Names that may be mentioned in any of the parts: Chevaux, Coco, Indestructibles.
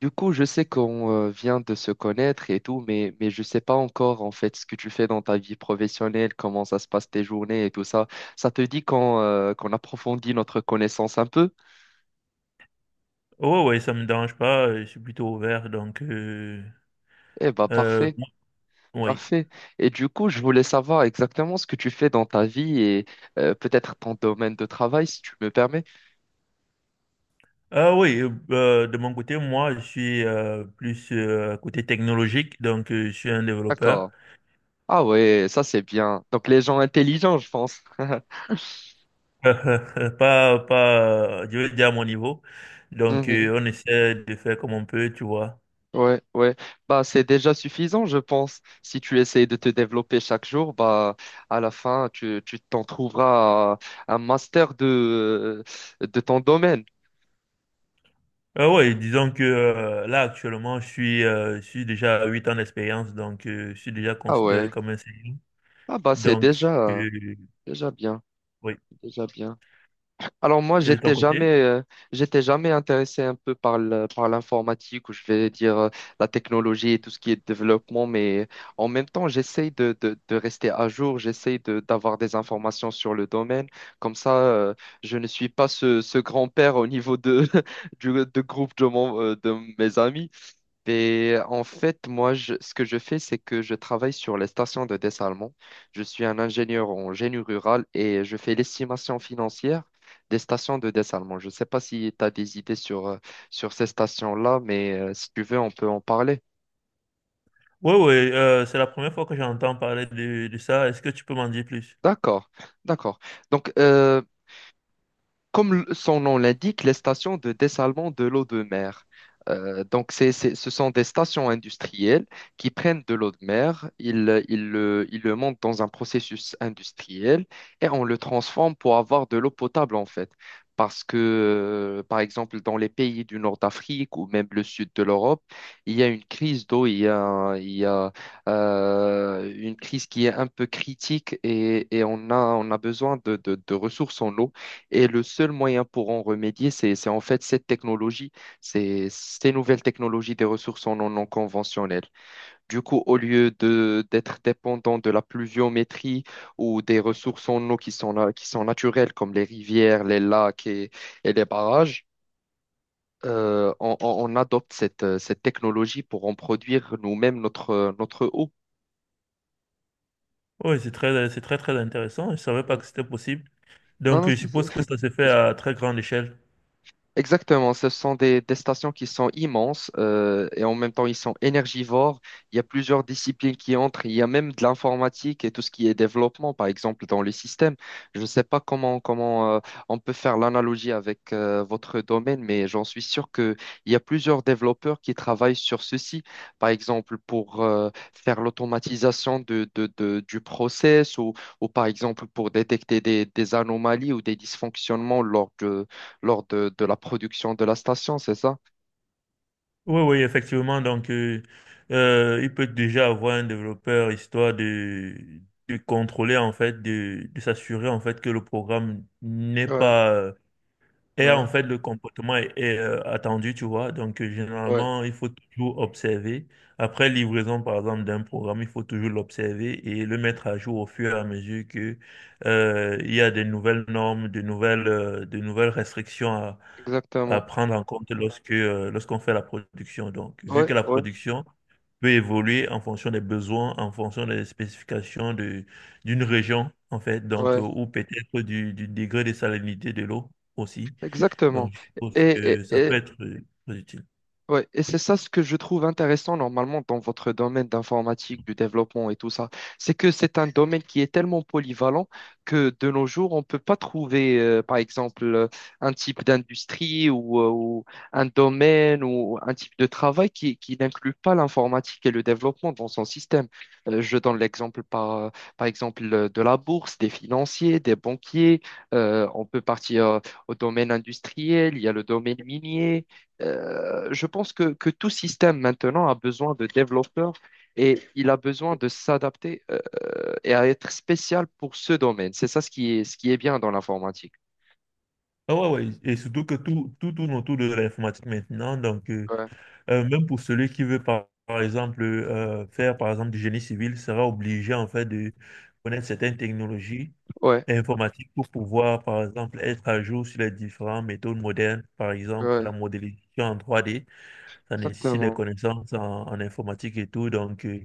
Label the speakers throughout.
Speaker 1: Du coup, je sais qu'on vient de se connaître et tout, mais je sais pas encore en fait ce que tu fais dans ta vie professionnelle, comment ça se passe tes journées et tout ça. Ça te dit qu'on qu'on approfondit notre connaissance un peu?
Speaker 2: Oh, ouais, ça me dérange pas, je suis plutôt ouvert, donc...
Speaker 1: Eh bah
Speaker 2: euh,
Speaker 1: parfait,
Speaker 2: oui.
Speaker 1: parfait. Et du coup, je voulais savoir exactement ce que tu fais dans ta vie et peut-être ton domaine de travail, si tu me permets.
Speaker 2: Ah oui, de mon côté, moi, je suis plus côté technologique, donc je suis un développeur.
Speaker 1: D'accord. Ah ouais, ça c'est bien. Donc les gens intelligents, je pense.
Speaker 2: Pas, pas, Je veux dire à mon niveau. Donc, on essaie de faire comme on peut, tu vois.
Speaker 1: Ouais, ouais. Bah, c'est déjà suffisant, je pense. Si tu essayes de te développer chaque jour, bah, à la fin, tu t'en trouveras un master de ton domaine.
Speaker 2: Ah oui, disons que là, actuellement, je suis déjà à 8 ans d'expérience, donc je suis déjà
Speaker 1: Ah
Speaker 2: considéré
Speaker 1: ouais.
Speaker 2: comme un senior.
Speaker 1: Ah bah, c'est
Speaker 2: Donc,
Speaker 1: déjà,
Speaker 2: euh,
Speaker 1: déjà bien,
Speaker 2: oui.
Speaker 1: déjà bien. Alors moi,
Speaker 2: Et de ton côté?
Speaker 1: j'étais jamais intéressé un peu par l'informatique ou je vais dire la technologie et tout ce qui est développement, mais en même temps, j'essaye de rester à jour, d'avoir des informations sur le domaine. Comme ça, je ne suis pas ce grand-père au niveau de, du, de groupe de, mon, de mes amis. Et en fait, moi, ce que je fais, c'est que je travaille sur les stations de dessalement. Je suis un ingénieur en génie rural et je fais l'estimation financière des stations de dessalement. Je ne sais pas si tu as des idées sur ces stations-là, mais si tu veux, on peut en parler.
Speaker 2: Oui, oui, c'est la première fois que j'entends parler de ça. Est-ce que tu peux m'en dire plus?
Speaker 1: D'accord, d'accord. Donc, comme son nom l'indique, les stations de dessalement de l'eau de mer. Donc, ce sont des stations industrielles qui prennent de l'eau de mer, ils le montent dans un processus industriel et on le transforme pour avoir de l'eau potable, en fait. Parce que, par exemple, dans les pays du nord d'Afrique ou même le sud de l'Europe, il y a une crise d'eau, il y a une crise qui est un peu critique et, on a besoin de ressources en eau. Et le seul moyen pour en remédier, c'est en fait cette technologie, c'est ces nouvelles technologies des ressources en non conventionnelles. Du coup, au lieu de d'être dépendant de la pluviométrie ou des ressources en eau qui sont naturelles, comme les rivières, les lacs et les barrages, on adopte cette technologie pour en produire nous-mêmes notre eau.
Speaker 2: Oui, c'est très, très intéressant. Je ne savais pas
Speaker 1: Mm.
Speaker 2: que c'était possible.
Speaker 1: Non,
Speaker 2: Donc,
Speaker 1: non,
Speaker 2: je
Speaker 1: si, si.
Speaker 2: suppose que ça se fait à très grande échelle.
Speaker 1: Exactement, ce sont des stations qui sont immenses et en même temps ils sont énergivores. Il y a plusieurs disciplines qui entrent, il y a même de l'informatique et tout ce qui est développement, par exemple, dans les systèmes. Je ne sais pas comment, comment on peut faire l'analogie avec votre domaine, mais j'en suis sûr qu'il y a plusieurs développeurs qui travaillent sur ceci, par exemple pour faire l'automatisation du process ou par exemple pour détecter des anomalies ou des dysfonctionnements lors de la production de la station, c'est ça?
Speaker 2: Oui, oui, effectivement. Donc, il peut déjà avoir un développeur histoire de contrôler, en fait, de s'assurer, en fait, que le programme n'est
Speaker 1: Ouais,
Speaker 2: pas Et
Speaker 1: ouais,
Speaker 2: en fait, le comportement est, attendu, tu vois. Donc,
Speaker 1: ouais,
Speaker 2: généralement, il faut toujours observer. Après livraison, par exemple, d'un programme, il faut toujours l'observer et le mettre à jour au fur et à mesure que il y a de nouvelles normes, de nouvelles restrictions à
Speaker 1: exactement.
Speaker 2: prendre en compte lorsqu'on fait la production. Donc, vu
Speaker 1: Ouais,
Speaker 2: que la
Speaker 1: ouais,
Speaker 2: production peut évoluer en fonction des besoins, en fonction des spécifications d'une région, en fait, donc,
Speaker 1: ouais.
Speaker 2: ou peut-être du degré de salinité de l'eau aussi.
Speaker 1: Exactement.
Speaker 2: Donc, je suppose
Speaker 1: Et,
Speaker 2: que ça peut
Speaker 1: et-
Speaker 2: être très utile.
Speaker 1: Ouais, et c'est ça ce que je trouve intéressant normalement dans votre domaine d'informatique, du développement et tout ça. C'est que c'est un domaine qui est tellement polyvalent que de nos jours, on ne peut pas trouver, un type d'industrie ou un domaine ou un type de travail qui n'inclut pas l'informatique et le développement dans son système. Je donne l'exemple par exemple de la bourse, des financiers, des banquiers. On peut partir au domaine industriel, il y a le domaine minier. Euh, je pense que tout système maintenant a besoin de développeurs et il a besoin de s'adapter et à être spécial pour ce domaine. C'est ça ce qui est bien dans l'informatique.
Speaker 2: Ah ouais, ouais, et surtout que tout tourne autour de l'informatique maintenant. Donc,
Speaker 1: Ouais,
Speaker 2: même pour celui qui veut, par exemple, faire, par exemple, du génie civil, sera obligé, en fait, de connaître certaines technologies
Speaker 1: ouais,
Speaker 2: informatiques pour pouvoir, par exemple, être à jour sur les différentes méthodes modernes. Par exemple, la
Speaker 1: ouais,
Speaker 2: modélisation en 3D, ça nécessite des
Speaker 1: exactement.
Speaker 2: connaissances en informatique et tout. Donc, euh,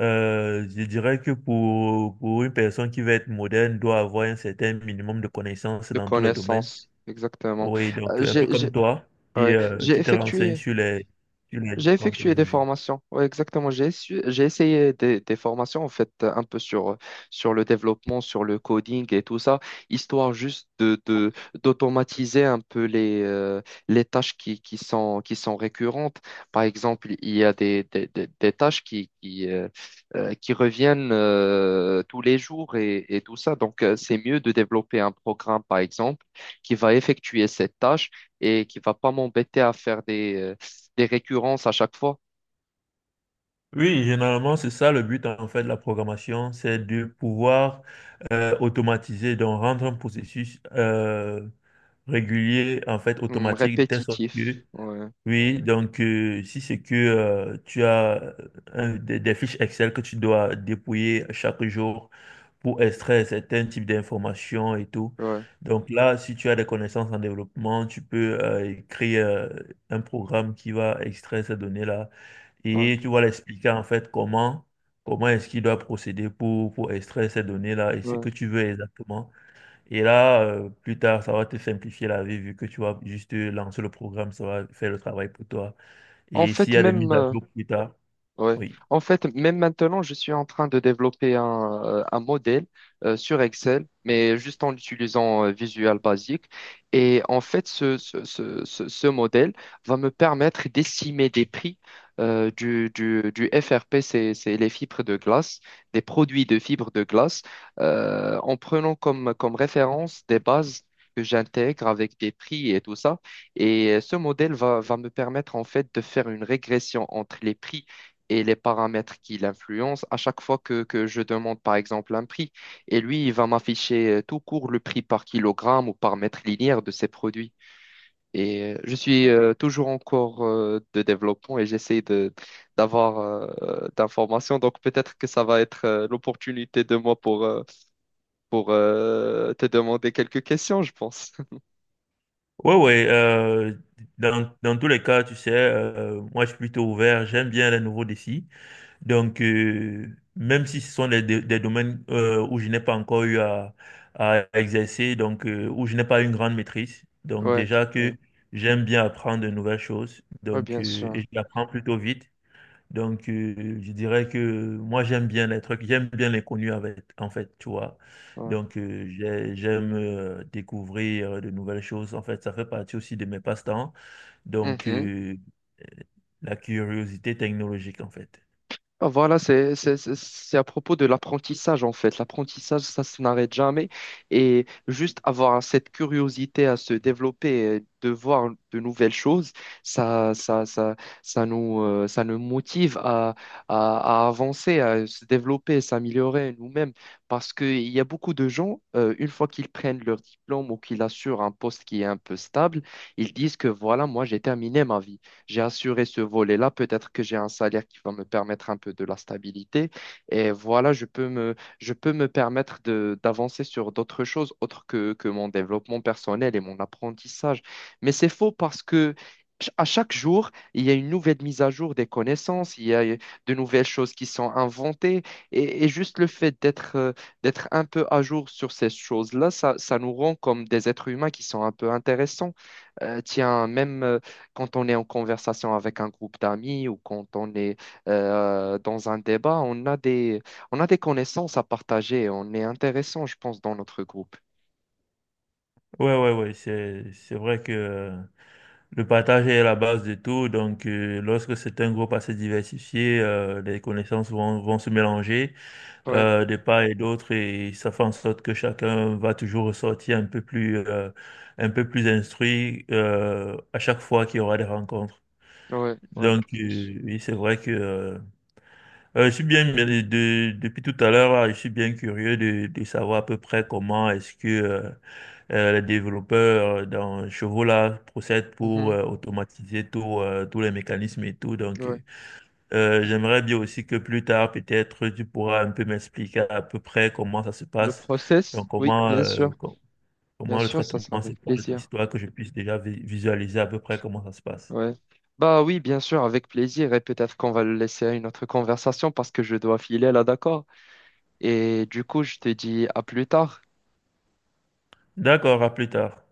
Speaker 2: Euh, je dirais que pour une personne qui veut être moderne, doit avoir un certain minimum de connaissances
Speaker 1: De
Speaker 2: dans tous les domaines.
Speaker 1: connaissances, exactement.
Speaker 2: Oui, donc
Speaker 1: Euh,
Speaker 2: un peu
Speaker 1: j'ai,
Speaker 2: comme
Speaker 1: j'ai,
Speaker 2: toi,
Speaker 1: ouais, j'ai
Speaker 2: qui te renseigne
Speaker 1: effectué.
Speaker 2: sur les
Speaker 1: J'ai
Speaker 2: différentes
Speaker 1: effectué des
Speaker 2: technologies.
Speaker 1: formations. Oui, exactement. J'ai essayé des formations, en fait, un peu sur le développement, sur le coding et tout ça, histoire juste d'automatiser un peu les tâches qui sont récurrentes. Par exemple, il y a des tâches qui reviennent tous les jours et tout ça. Donc, c'est mieux de développer un programme, par exemple, qui va effectuer cette tâche et qui va pas m'embêter à faire des récurrences à chaque fois.
Speaker 2: Oui, généralement, c'est ça le but en fait de la programmation, c'est de pouvoir automatiser, donc rendre un processus régulier, en fait,
Speaker 1: Hmm,
Speaker 2: automatique, de telle sorte
Speaker 1: répétitif.
Speaker 2: que
Speaker 1: Ouais,
Speaker 2: Oui, donc si c'est que tu as des fiches Excel que tu dois dépouiller chaque jour pour extraire certains types d'informations et tout.
Speaker 1: ouais,
Speaker 2: Donc là, si tu as des connaissances en développement, tu peux créer un programme qui va extraire ces données-là
Speaker 1: ouais,
Speaker 2: et tu vas l'expliquer en fait comment comment est-ce qu'il doit procéder pour extraire ces données-là et ce que
Speaker 1: ouais.
Speaker 2: tu veux exactement. Et là, plus tard, ça va te simplifier la vie vu que tu vas juste lancer le programme, ça va faire le travail pour toi.
Speaker 1: En
Speaker 2: Et s'il
Speaker 1: fait,
Speaker 2: y a des
Speaker 1: même.
Speaker 2: mises à jour plus tard,
Speaker 1: Ouais.
Speaker 2: oui.
Speaker 1: En fait, même maintenant, je suis en train de développer un modèle sur Excel, mais juste en utilisant Visual Basic. Et en fait, ce modèle va me permettre d'estimer des prix du FRP, c'est les fibres de glace, des produits de fibres de glace, en prenant comme référence des bases que j'intègre avec des prix et tout ça. Et ce modèle va me permettre en fait de faire une régression entre les prix et les paramètres qui l'influencent à chaque fois que je demande, par exemple, un prix. Et lui, il va m'afficher tout court le prix par kilogramme ou par mètre linéaire de ses produits. Et je suis toujours en cours de développement et d'avoir d'informations. Donc peut-être que ça va être l'opportunité de moi pour te demander quelques questions, je pense.
Speaker 2: Ouais, ouais. Dans, dans tous les cas, tu sais, moi, je suis plutôt ouvert. J'aime bien les nouveaux défis. Donc, même si ce sont des, des domaines où je n'ai pas encore eu à exercer, donc où je n'ai pas une grande maîtrise. Donc,
Speaker 1: Ouais,
Speaker 2: déjà
Speaker 1: ouais,
Speaker 2: que j'aime bien apprendre de nouvelles choses.
Speaker 1: ouais,
Speaker 2: Donc,
Speaker 1: bien sûr.
Speaker 2: et je l'apprends plutôt vite. Donc, je dirais que moi, j'aime bien les trucs, j'aime bien l'inconnu avec, en fait, tu vois.
Speaker 1: Ouais.
Speaker 2: Donc, j'aime découvrir de nouvelles choses. En fait, ça fait partie aussi de mes passe-temps. Donc,
Speaker 1: Mhm.
Speaker 2: euh, euh, la curiosité technologique, en fait.
Speaker 1: Ah, voilà, c'est à propos de l'apprentissage en fait. L'apprentissage, ça se n'arrête jamais. Et juste avoir cette curiosité à se développer, et de voir de nouvelles choses, ça, ça, ça, ça nous motive à avancer, à se développer, s'améliorer nous-mêmes. Parce qu'il y a beaucoup de gens, une fois qu'ils prennent leur diplôme ou qu'ils assurent un poste qui est un peu stable, ils disent que voilà, moi j'ai terminé ma vie, j'ai assuré ce volet-là. Peut-être que j'ai un salaire qui va me permettre un peu de la stabilité. Et voilà, je peux me permettre d'avancer sur d'autres choses autres que mon développement personnel et mon apprentissage. Mais c'est faux parce que à chaque jour, il y a une nouvelle mise à jour des connaissances, il y a de nouvelles choses qui sont inventées. Et juste le fait d'être un peu à jour sur ces choses-là, ça nous rend comme des êtres humains qui sont un peu intéressants. Tiens, même quand on est en conversation avec un groupe d'amis ou quand on est dans un débat, on a des connaissances à partager. On est intéressant, je pense, dans notre groupe.
Speaker 2: Ouais, ouais, ouais, c'est vrai que le partage est la base de tout. Donc, lorsque c'est un groupe assez diversifié, les connaissances vont se mélanger.
Speaker 1: Ouais,
Speaker 2: De part et d'autre et ça fait en sorte que chacun va toujours ressortir un peu plus instruit à chaque fois qu'il y aura des rencontres.
Speaker 1: ouais, ouais.
Speaker 2: Donc,
Speaker 1: C'est sûr.
Speaker 2: oui, c'est vrai que je suis bien, depuis tout à l'heure, là, je suis bien curieux de savoir à peu près comment est-ce que les développeurs dans Chevaux là procèdent pour
Speaker 1: Mhm,
Speaker 2: automatiser tous les mécanismes et tout. Donc,
Speaker 1: ouais.
Speaker 2: j'aimerais bien aussi que plus tard, peut-être, tu pourras un peu m'expliquer à peu près comment ça se
Speaker 1: Le
Speaker 2: passe, donc
Speaker 1: process, oui,
Speaker 2: comment,
Speaker 1: bien sûr. Bien
Speaker 2: comment le
Speaker 1: sûr, ça
Speaker 2: traitement
Speaker 1: sera
Speaker 2: se
Speaker 1: avec
Speaker 2: passe,
Speaker 1: plaisir.
Speaker 2: histoire que je puisse déjà visualiser à peu près comment ça se passe.
Speaker 1: Ouais. Bah oui, bien sûr, avec plaisir. Et peut-être qu'on va le laisser à une autre conversation parce que je dois filer là, d'accord? Et du coup, je te dis à plus tard.
Speaker 2: D'accord, à plus tard.